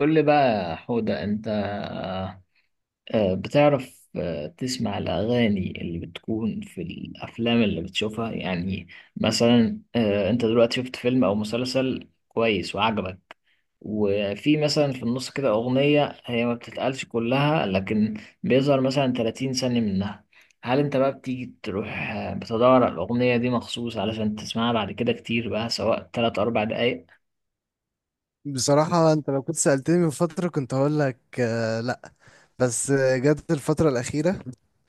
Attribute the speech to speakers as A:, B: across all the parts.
A: قول لي بقى يا حودة. أنت بتعرف، تسمع الأغاني اللي بتكون في الأفلام اللي بتشوفها يعني. مثلا، أنت دلوقتي شفت فيلم أو مسلسل كويس وعجبك. وفي مثلا في النص كده أغنية هي ما بتتقالش كلها، لكن بيظهر مثلا 30 ثانية منها. هل أنت بقى بتيجي تروح، بتدور على الأغنية دي مخصوص علشان تسمعها بعد كده، كتير بقى سواء 3 أربع دقايق؟
B: بصراحة انت لو كنت سألتني من فترة كنت هقول لك لا. بس جت الفترة الأخيرة.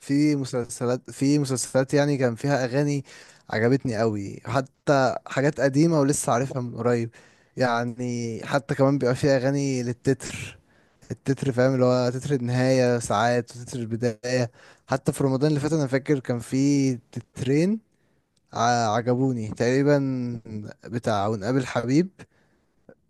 B: في مسلسلات يعني كان فيها أغاني عجبتني قوي، حتى حاجات قديمة ولسه عارفها من قريب. يعني حتى كمان بيبقى فيها أغاني للتتر. التتر فاهم، اللي هو تتر النهاية ساعات وتتر البداية. حتى في رمضان اللي فات أنا فاكر كان في تترين عجبوني تقريبا، بتاع ونقابل حبيب.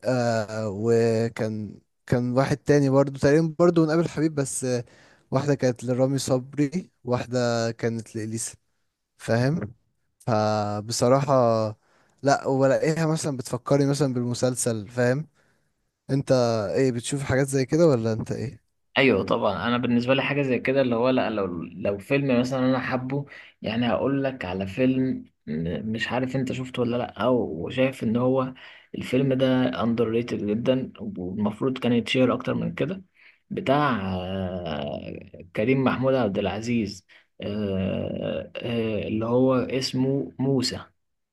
B: وكان، كان واحد تاني برضو، تقريبا برضو من قبل حبيب بس. واحدة كانت لرامي صبري، واحدة كانت لإليسا، فاهم؟ فبصراحة لا، وبلاقيها مثلا بتفكرني مثلا بالمسلسل، فاهم انت؟ ايه، بتشوف حاجات زي كده ولا انت ايه؟
A: ايوه، طبعا، انا بالنسبه لي حاجه زي كده، اللي هو لا، لو فيلم مثلا انا حابه. يعني هقول لك على فيلم، مش عارف انت شفته ولا لا، او وشايف ان هو الفيلم ده اندر ريتد جدا، والمفروض كان يتشير اكتر من كده. بتاع كريم محمود عبد العزيز، اللي هو اسمه موسى،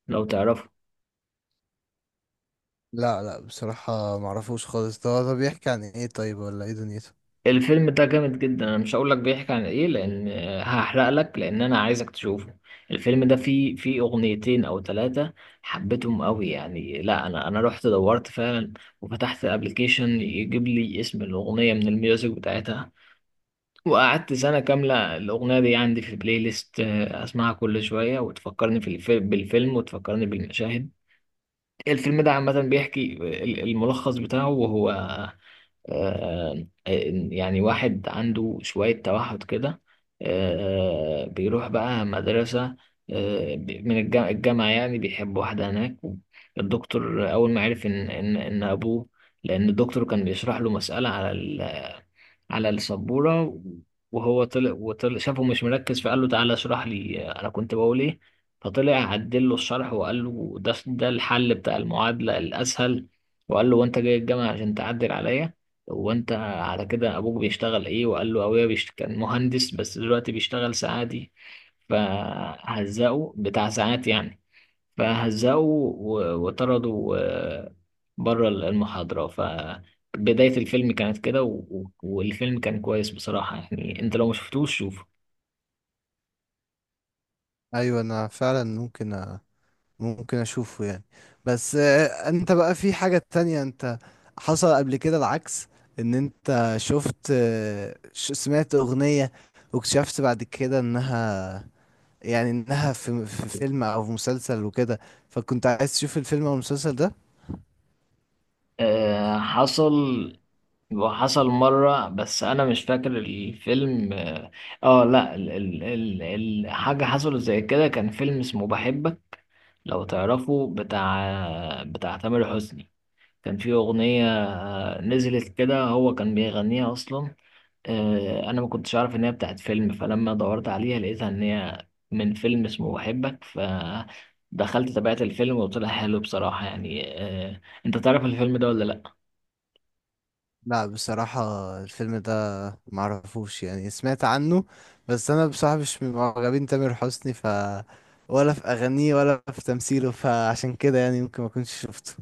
A: لو تعرفه.
B: لا لا بصراحة معرفوش خالص. ده بيحكي عن ايه طيب، ولا ايه دنيته؟
A: الفيلم ده جامد جدا، انا مش هقول لك بيحكي عن ايه لان هحرق لك، لان انا عايزك تشوفه. الفيلم ده فيه اغنيتين او ثلاثة حبيتهم قوي يعني، لا، انا رحت دورت فعلا، وفتحت الابليكيشن يجيب لي اسم الاغنية من الميوزك بتاعتها. وقعدت سنة كاملة الأغنية دي عندي في البلاي ليست، أسمعها كل شوية وتفكرني بالفيلم وتفكرني بالمشاهد. الفيلم ده عامة بيحكي الملخص بتاعه وهو آه، آه، يعني واحد عنده شوية توحد كده، بيروح بقى مدرسة، من الجامعة يعني بيحب واحدة هناك. الدكتور أول ما عرف إن أبوه، لأن الدكتور كان بيشرح له مسألة على السبورة، وهو طلع شافه مش مركز، فقال له تعالى اشرح لي انا كنت بقول ايه. فطلع عدل له الشرح، وقال له ده الحل بتاع المعادلة الاسهل، وقال له وانت جاي الجامعة عشان تعدل عليا، وانت على كده ابوك بيشتغل ايه؟ وقال له ابويا كان مهندس، بس دلوقتي بيشتغل ساعاتي. فهزقه بتاع ساعات يعني، فهزقوا وطردوا بره المحاضرة. فبداية الفيلم كانت كده، والفيلم كان كويس بصراحة يعني، انت لو مشفتوش شوفه.
B: ايوه، انا فعلا ممكن اشوفه يعني. بس انت بقى في حاجة تانية. انت حصل قبل كده العكس، ان انت شفت، سمعت اغنية، واكتشفت بعد كده انها، يعني انها في فيلم او في مسلسل وكده، فكنت عايز تشوف الفيلم او المسلسل ده.
A: حصل. وحصل مرة بس أنا مش فاكر الفيلم، اه. لا، حاجة حصلت زي كده، كان فيلم اسمه بحبك، لو تعرفه، بتاع تامر حسني. كان في أغنية، نزلت كده هو كان بيغنيها أصلا. أنا ما كنتش عارف إن هي بتاعت فيلم، فلما دورت عليها لقيتها إن هي من فيلم اسمه بحبك، فدخلت تابعت الفيلم وطلع حلو بصراحة يعني. أنت تعرف الفيلم ده ولا لأ؟
B: لا بصراحة الفيلم ده معرفوش، يعني سمعت عنه. بس انا بصراحة مش من معجبين تامر حسني، ف ولا في اغانيه ولا في تمثيله، فعشان كده يعني ممكن ما كنتش شفته.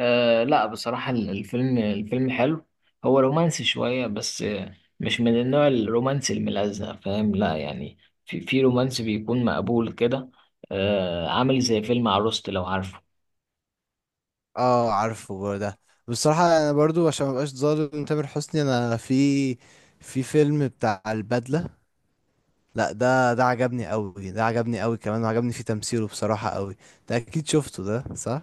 A: لا بصراحة، الفيلم حلو. هو رومانسي شوية بس مش من النوع الرومانسي الملزق، فاهم، لا يعني في رومانسي بيكون مقبول كده. عامل زي فيلم عروست، لو عارفه.
B: اه عارفه برضه ده. بصراحة انا برضو عشان مبقاش ظالم تامر حسني، انا في فيلم بتاع البدلة، لا ده عجبني قوي، ده عجبني قوي كمان، وعجبني فيه تمثيله بصراحة قوي. ده اكيد شفته ده، صح؟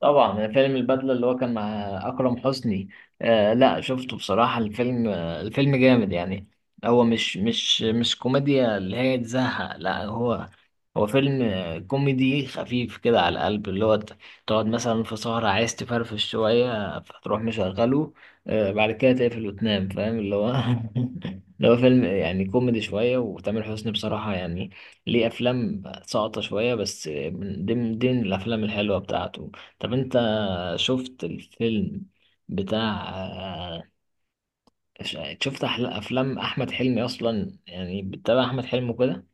A: طبعا فيلم البدلة اللي هو كان مع أكرم حسني. لا شفته بصراحة الفيلم، الفيلم جامد يعني. هو مش كوميديا اللي هي تزهق، لا هو هو فيلم كوميدي خفيف كده على القلب، اللي هو تقعد مثلا في سهرة عايز تفرفش شوية، فتروح مشغله. بعد كده تقفل وتنام، فاهم اللي هو اللي هو فيلم يعني كوميدي شوية، وتامر حسني بصراحة يعني ليه أفلام ساقطة شوية، بس من ضمن الأفلام الحلوة بتاعته. طب انت شفت الفيلم بتاع شفت افلام احمد حلمي اصلا؟ يعني بتتابع احمد حلمي كده.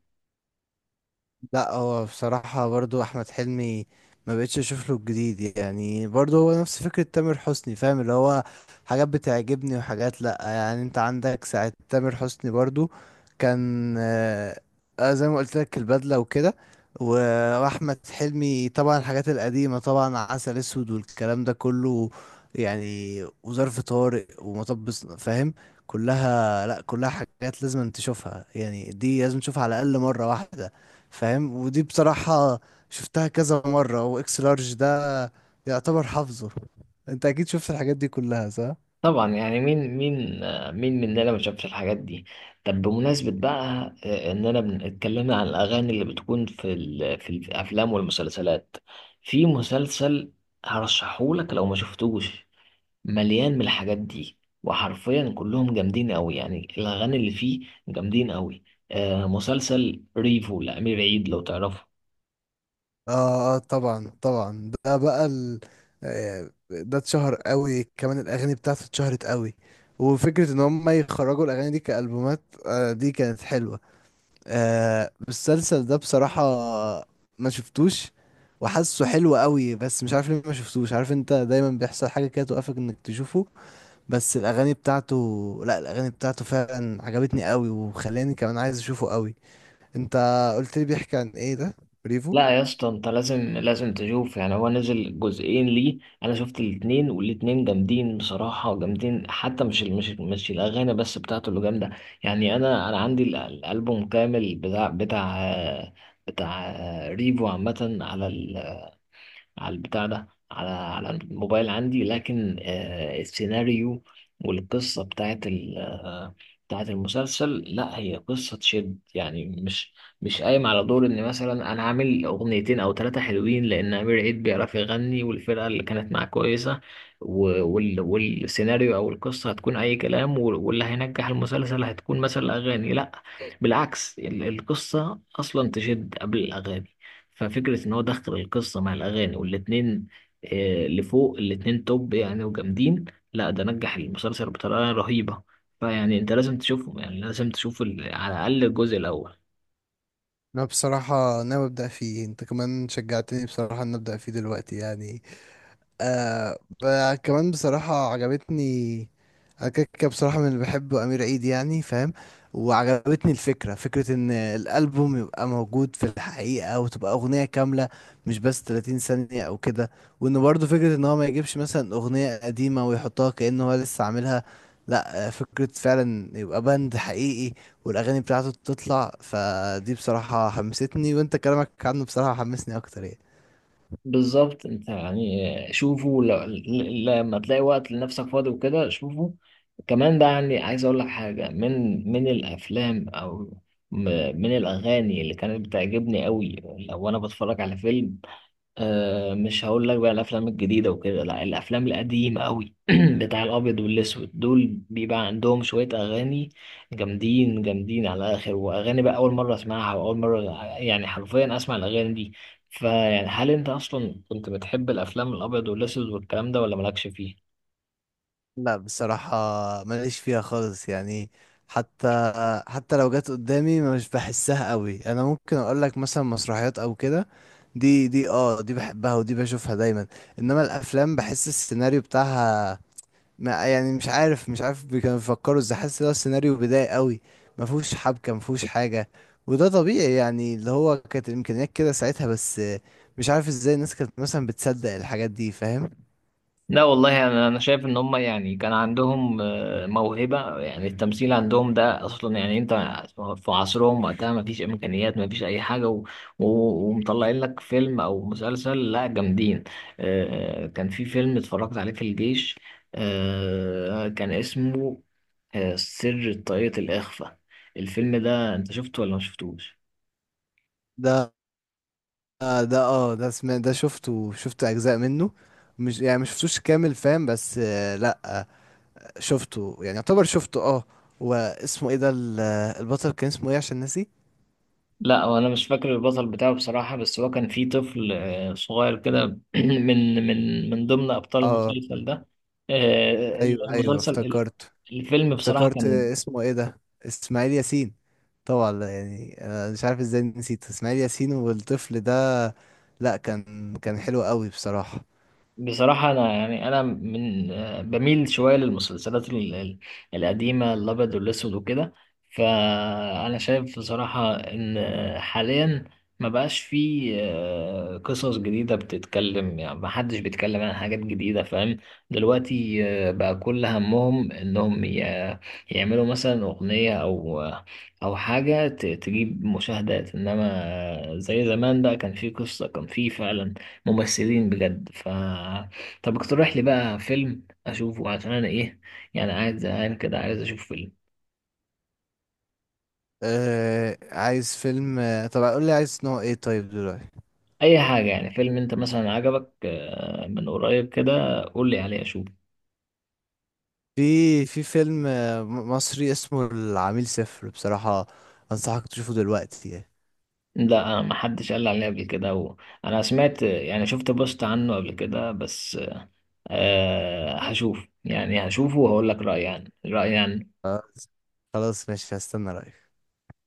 B: لا هو بصراحة برضو أحمد حلمي ما بقتش أشوف له الجديد يعني، برضو هو نفس فكرة تامر حسني، فاهم اللي هو؟ حاجات بتعجبني وحاجات لأ، يعني أنت عندك ساعة تامر حسني برضو. كان زي ما قلت لك البدلة وكده. وأحمد حلمي طبعا، الحاجات القديمة طبعا، عسل أسود والكلام ده كله، يعني وظرف طارق ومطب فاهم. كلها لأ، كلها حاجات لازم تشوفها يعني، دي لازم تشوفها على الأقل مرة واحدة فاهم. ودي بصراحة شفتها كذا مرة، واكس لارج ده يعتبر حافظه. انت اكيد شفت الحاجات دي كلها، صح؟
A: طبعا يعني، مين مننا ما شافش الحاجات دي. طب بمناسبة بقى اننا اتكلمنا عن الاغاني اللي بتكون في الافلام والمسلسلات، في مسلسل هرشحهولك لو ما شفتوش، مليان من الحاجات دي، وحرفيا كلهم جامدين قوي يعني، الاغاني اللي فيه جامدين قوي. مسلسل ريفو لأمير عيد، لو تعرفه.
B: اه اه طبعا طبعا ده بقى ده اتشهر قوي كمان، الاغاني بتاعته اتشهرت قوي. وفكرة ان هم يخرجوا الاغاني دي كألبومات، دي كانت حلوة. المسلسل ده بصراحة ما شفتوش، وحاسه حلو قوي بس مش عارف ليه ما شفتوش. عارف انت دايما بيحصل حاجة كده توقفك انك تشوفه، بس الاغاني بتاعته، لا الاغاني بتاعته فعلا عجبتني قوي وخلاني كمان عايز اشوفه قوي. انت قلت لي بيحكي عن ايه ده، بريفو؟
A: لا يا اسطى، انت لازم تشوف يعني، هو نزل جزئين ليه، انا شفت الاتنين والاتنين جامدين بصراحة جامدين، حتى مش الاغاني بس بتاعته اللي جامدة. يعني انا عندي الالبوم كامل، بتاع ريفو عامة، على البتاع ده، على الموبايل عندي، لكن السيناريو والقصة بتاعت المسلسل، لا هي قصة تشد يعني، مش قايم على دور ان مثلا انا عامل اغنيتين او ثلاثة حلوين، لان امير عيد بيعرف يغني، والفرقة اللي كانت معاه كويسة. والسيناريو او القصة هتكون اي كلام، واللي هينجح المسلسل هتكون مثلا اغاني، لا بالعكس، القصة أصلا تشد قبل الأغاني. ففكرة إن هو دخل القصة مع الأغاني، والاتنين لفوق، الاتنين توب يعني وجامدين، لا ده نجح المسلسل بطريقة رهيبة. فيعني أنت لازم تشوفه يعني، لازم تشوف على الأقل الجزء الأول.
B: انا بصراحة ناوي ابدا فيه، انت كمان شجعتني بصراحة ان ابدا فيه دلوقتي يعني. كمان بصراحة عجبتني. أنا كده كده بصراحة من اللي بحبه أمير عيد يعني فاهم. وعجبتني الفكرة، فكرة إن الألبوم يبقى موجود في الحقيقة، وتبقى أغنية كاملة، مش بس 30 ثانية أو كده. وإن برضه فكرة إن هو ما يجيبش مثلا أغنية قديمة ويحطها كأنه هو لسه عاملها، لأ، فكرة فعلا يبقى باند حقيقي والأغاني بتاعته تطلع. فدي بصراحة حمستني، وإنت كلامك عنه بصراحة حمسني أكتر يعني.
A: بالظبط انت يعني، شوفه لما تلاقي وقت لنفسك فاضي وكده شوفه. كمان بقى يعني، عايز اقول لك حاجة من الافلام او م- من الاغاني اللي كانت بتعجبني قوي. لو انا بتفرج على فيلم، مش هقول لك بقى الافلام الجديده وكده، لا الافلام القديمه قوي بتاع الابيض والاسود، دول بيبقى عندهم شويه اغاني جامدين جامدين على الاخر، واغاني بقى اول مره اسمعها، واول مره يعني حرفيا اسمع الاغاني دي. فيعني هل انت اصلا كنت بتحب الافلام الابيض والاسود والكلام ده، ولا مالكش فيه؟
B: لا بصراحة ماليش فيها خالص يعني، حتى حتى لو جت قدامي مش بحسها قوي. انا ممكن اقول لك مثلا مسرحيات او كده، دي بحبها ودي بشوفها دايما. انما الافلام بحس السيناريو بتاعها، ما يعني مش عارف، كانوا بيفكروا ازاي، حاسس ده السيناريو بدائي قوي، ما فيهوش حبكة، ما فيهوش حاجة. وده طبيعي يعني، اللي هو كانت الامكانيات كده ساعتها. بس مش عارف ازاي الناس كانت مثلا بتصدق الحاجات دي، فاهم؟
A: لا والله يعني، انا شايف ان هم يعني كان عندهم موهبه يعني، التمثيل عندهم ده اصلا يعني، انت في عصرهم وقتها ما فيش امكانيات، ما فيش اي حاجه و... ومطلعين لك فيلم او مسلسل، لا جامدين. كان في فيلم اتفرجت عليه في الجيش، كان اسمه سر طاقية الاخفاء. الفيلم ده انت شفته ولا ما شفتوش؟
B: ده آه ده اه ده سمع ده شفته، شفت اجزاء منه، مش يعني مش شفتوش كامل فاهم. بس لا شفته، يعني يعتبر شفته اه. واسمه ايه ده، البطل كان اسمه ايه عشان ناسي.
A: لا، وانا مش فاكر البطل بتاعه بصراحة، بس هو كان فيه طفل صغير كده من ضمن ابطال
B: اه
A: المسلسل ده. آه،
B: ايوه ايوه
A: المسلسل
B: افتكرت
A: الفيلم بصراحة
B: افتكرت
A: كان
B: اسمه ايه ده، اسماعيل ياسين طبعا. لا، يعني انا مش عارف ازاي نسيت اسماعيل ياسين والطفل ده. لا، كان حلو قوي بصراحة.
A: بصراحة أنا يعني أنا من بميل شوية للمسلسلات القديمة الأبيض والأسود وكده. فأنا شايف بصراحة إن حاليا ما بقاش فيه قصص جديدة بتتكلم يعني، ما حدش بيتكلم عن حاجات جديدة، فاهم. دلوقتي بقى كل همهم إنهم يعملوا مثلا أغنية أو حاجة تجيب مشاهدات، إنما زي زمان بقى كان فيه قصة، كان فيه فعلا ممثلين بجد طب اقترح لي بقى فيلم اشوفه، عشان انا ايه يعني قاعد زهقان كده، عايز اشوف فيلم.
B: عايز فيلم، طب قول لي عايز نوع ايه طيب دلوقتي.
A: اي حاجه يعني، فيلم انت مثلا عجبك من قريب كده، قول لي عليه اشوفه.
B: في فيلم مصري اسمه العميل صفر. بصراحة أنصحك تشوفه دلوقتي يعني.
A: لا انا ما حدش قال لي عليه قبل كده انا سمعت يعني، شفت بوست عنه قبل كده بس. هشوف يعني، هشوفه وهقول لك رايي يعني رايي يعني.
B: آه، خلاص ماشي، هستنى رأيك.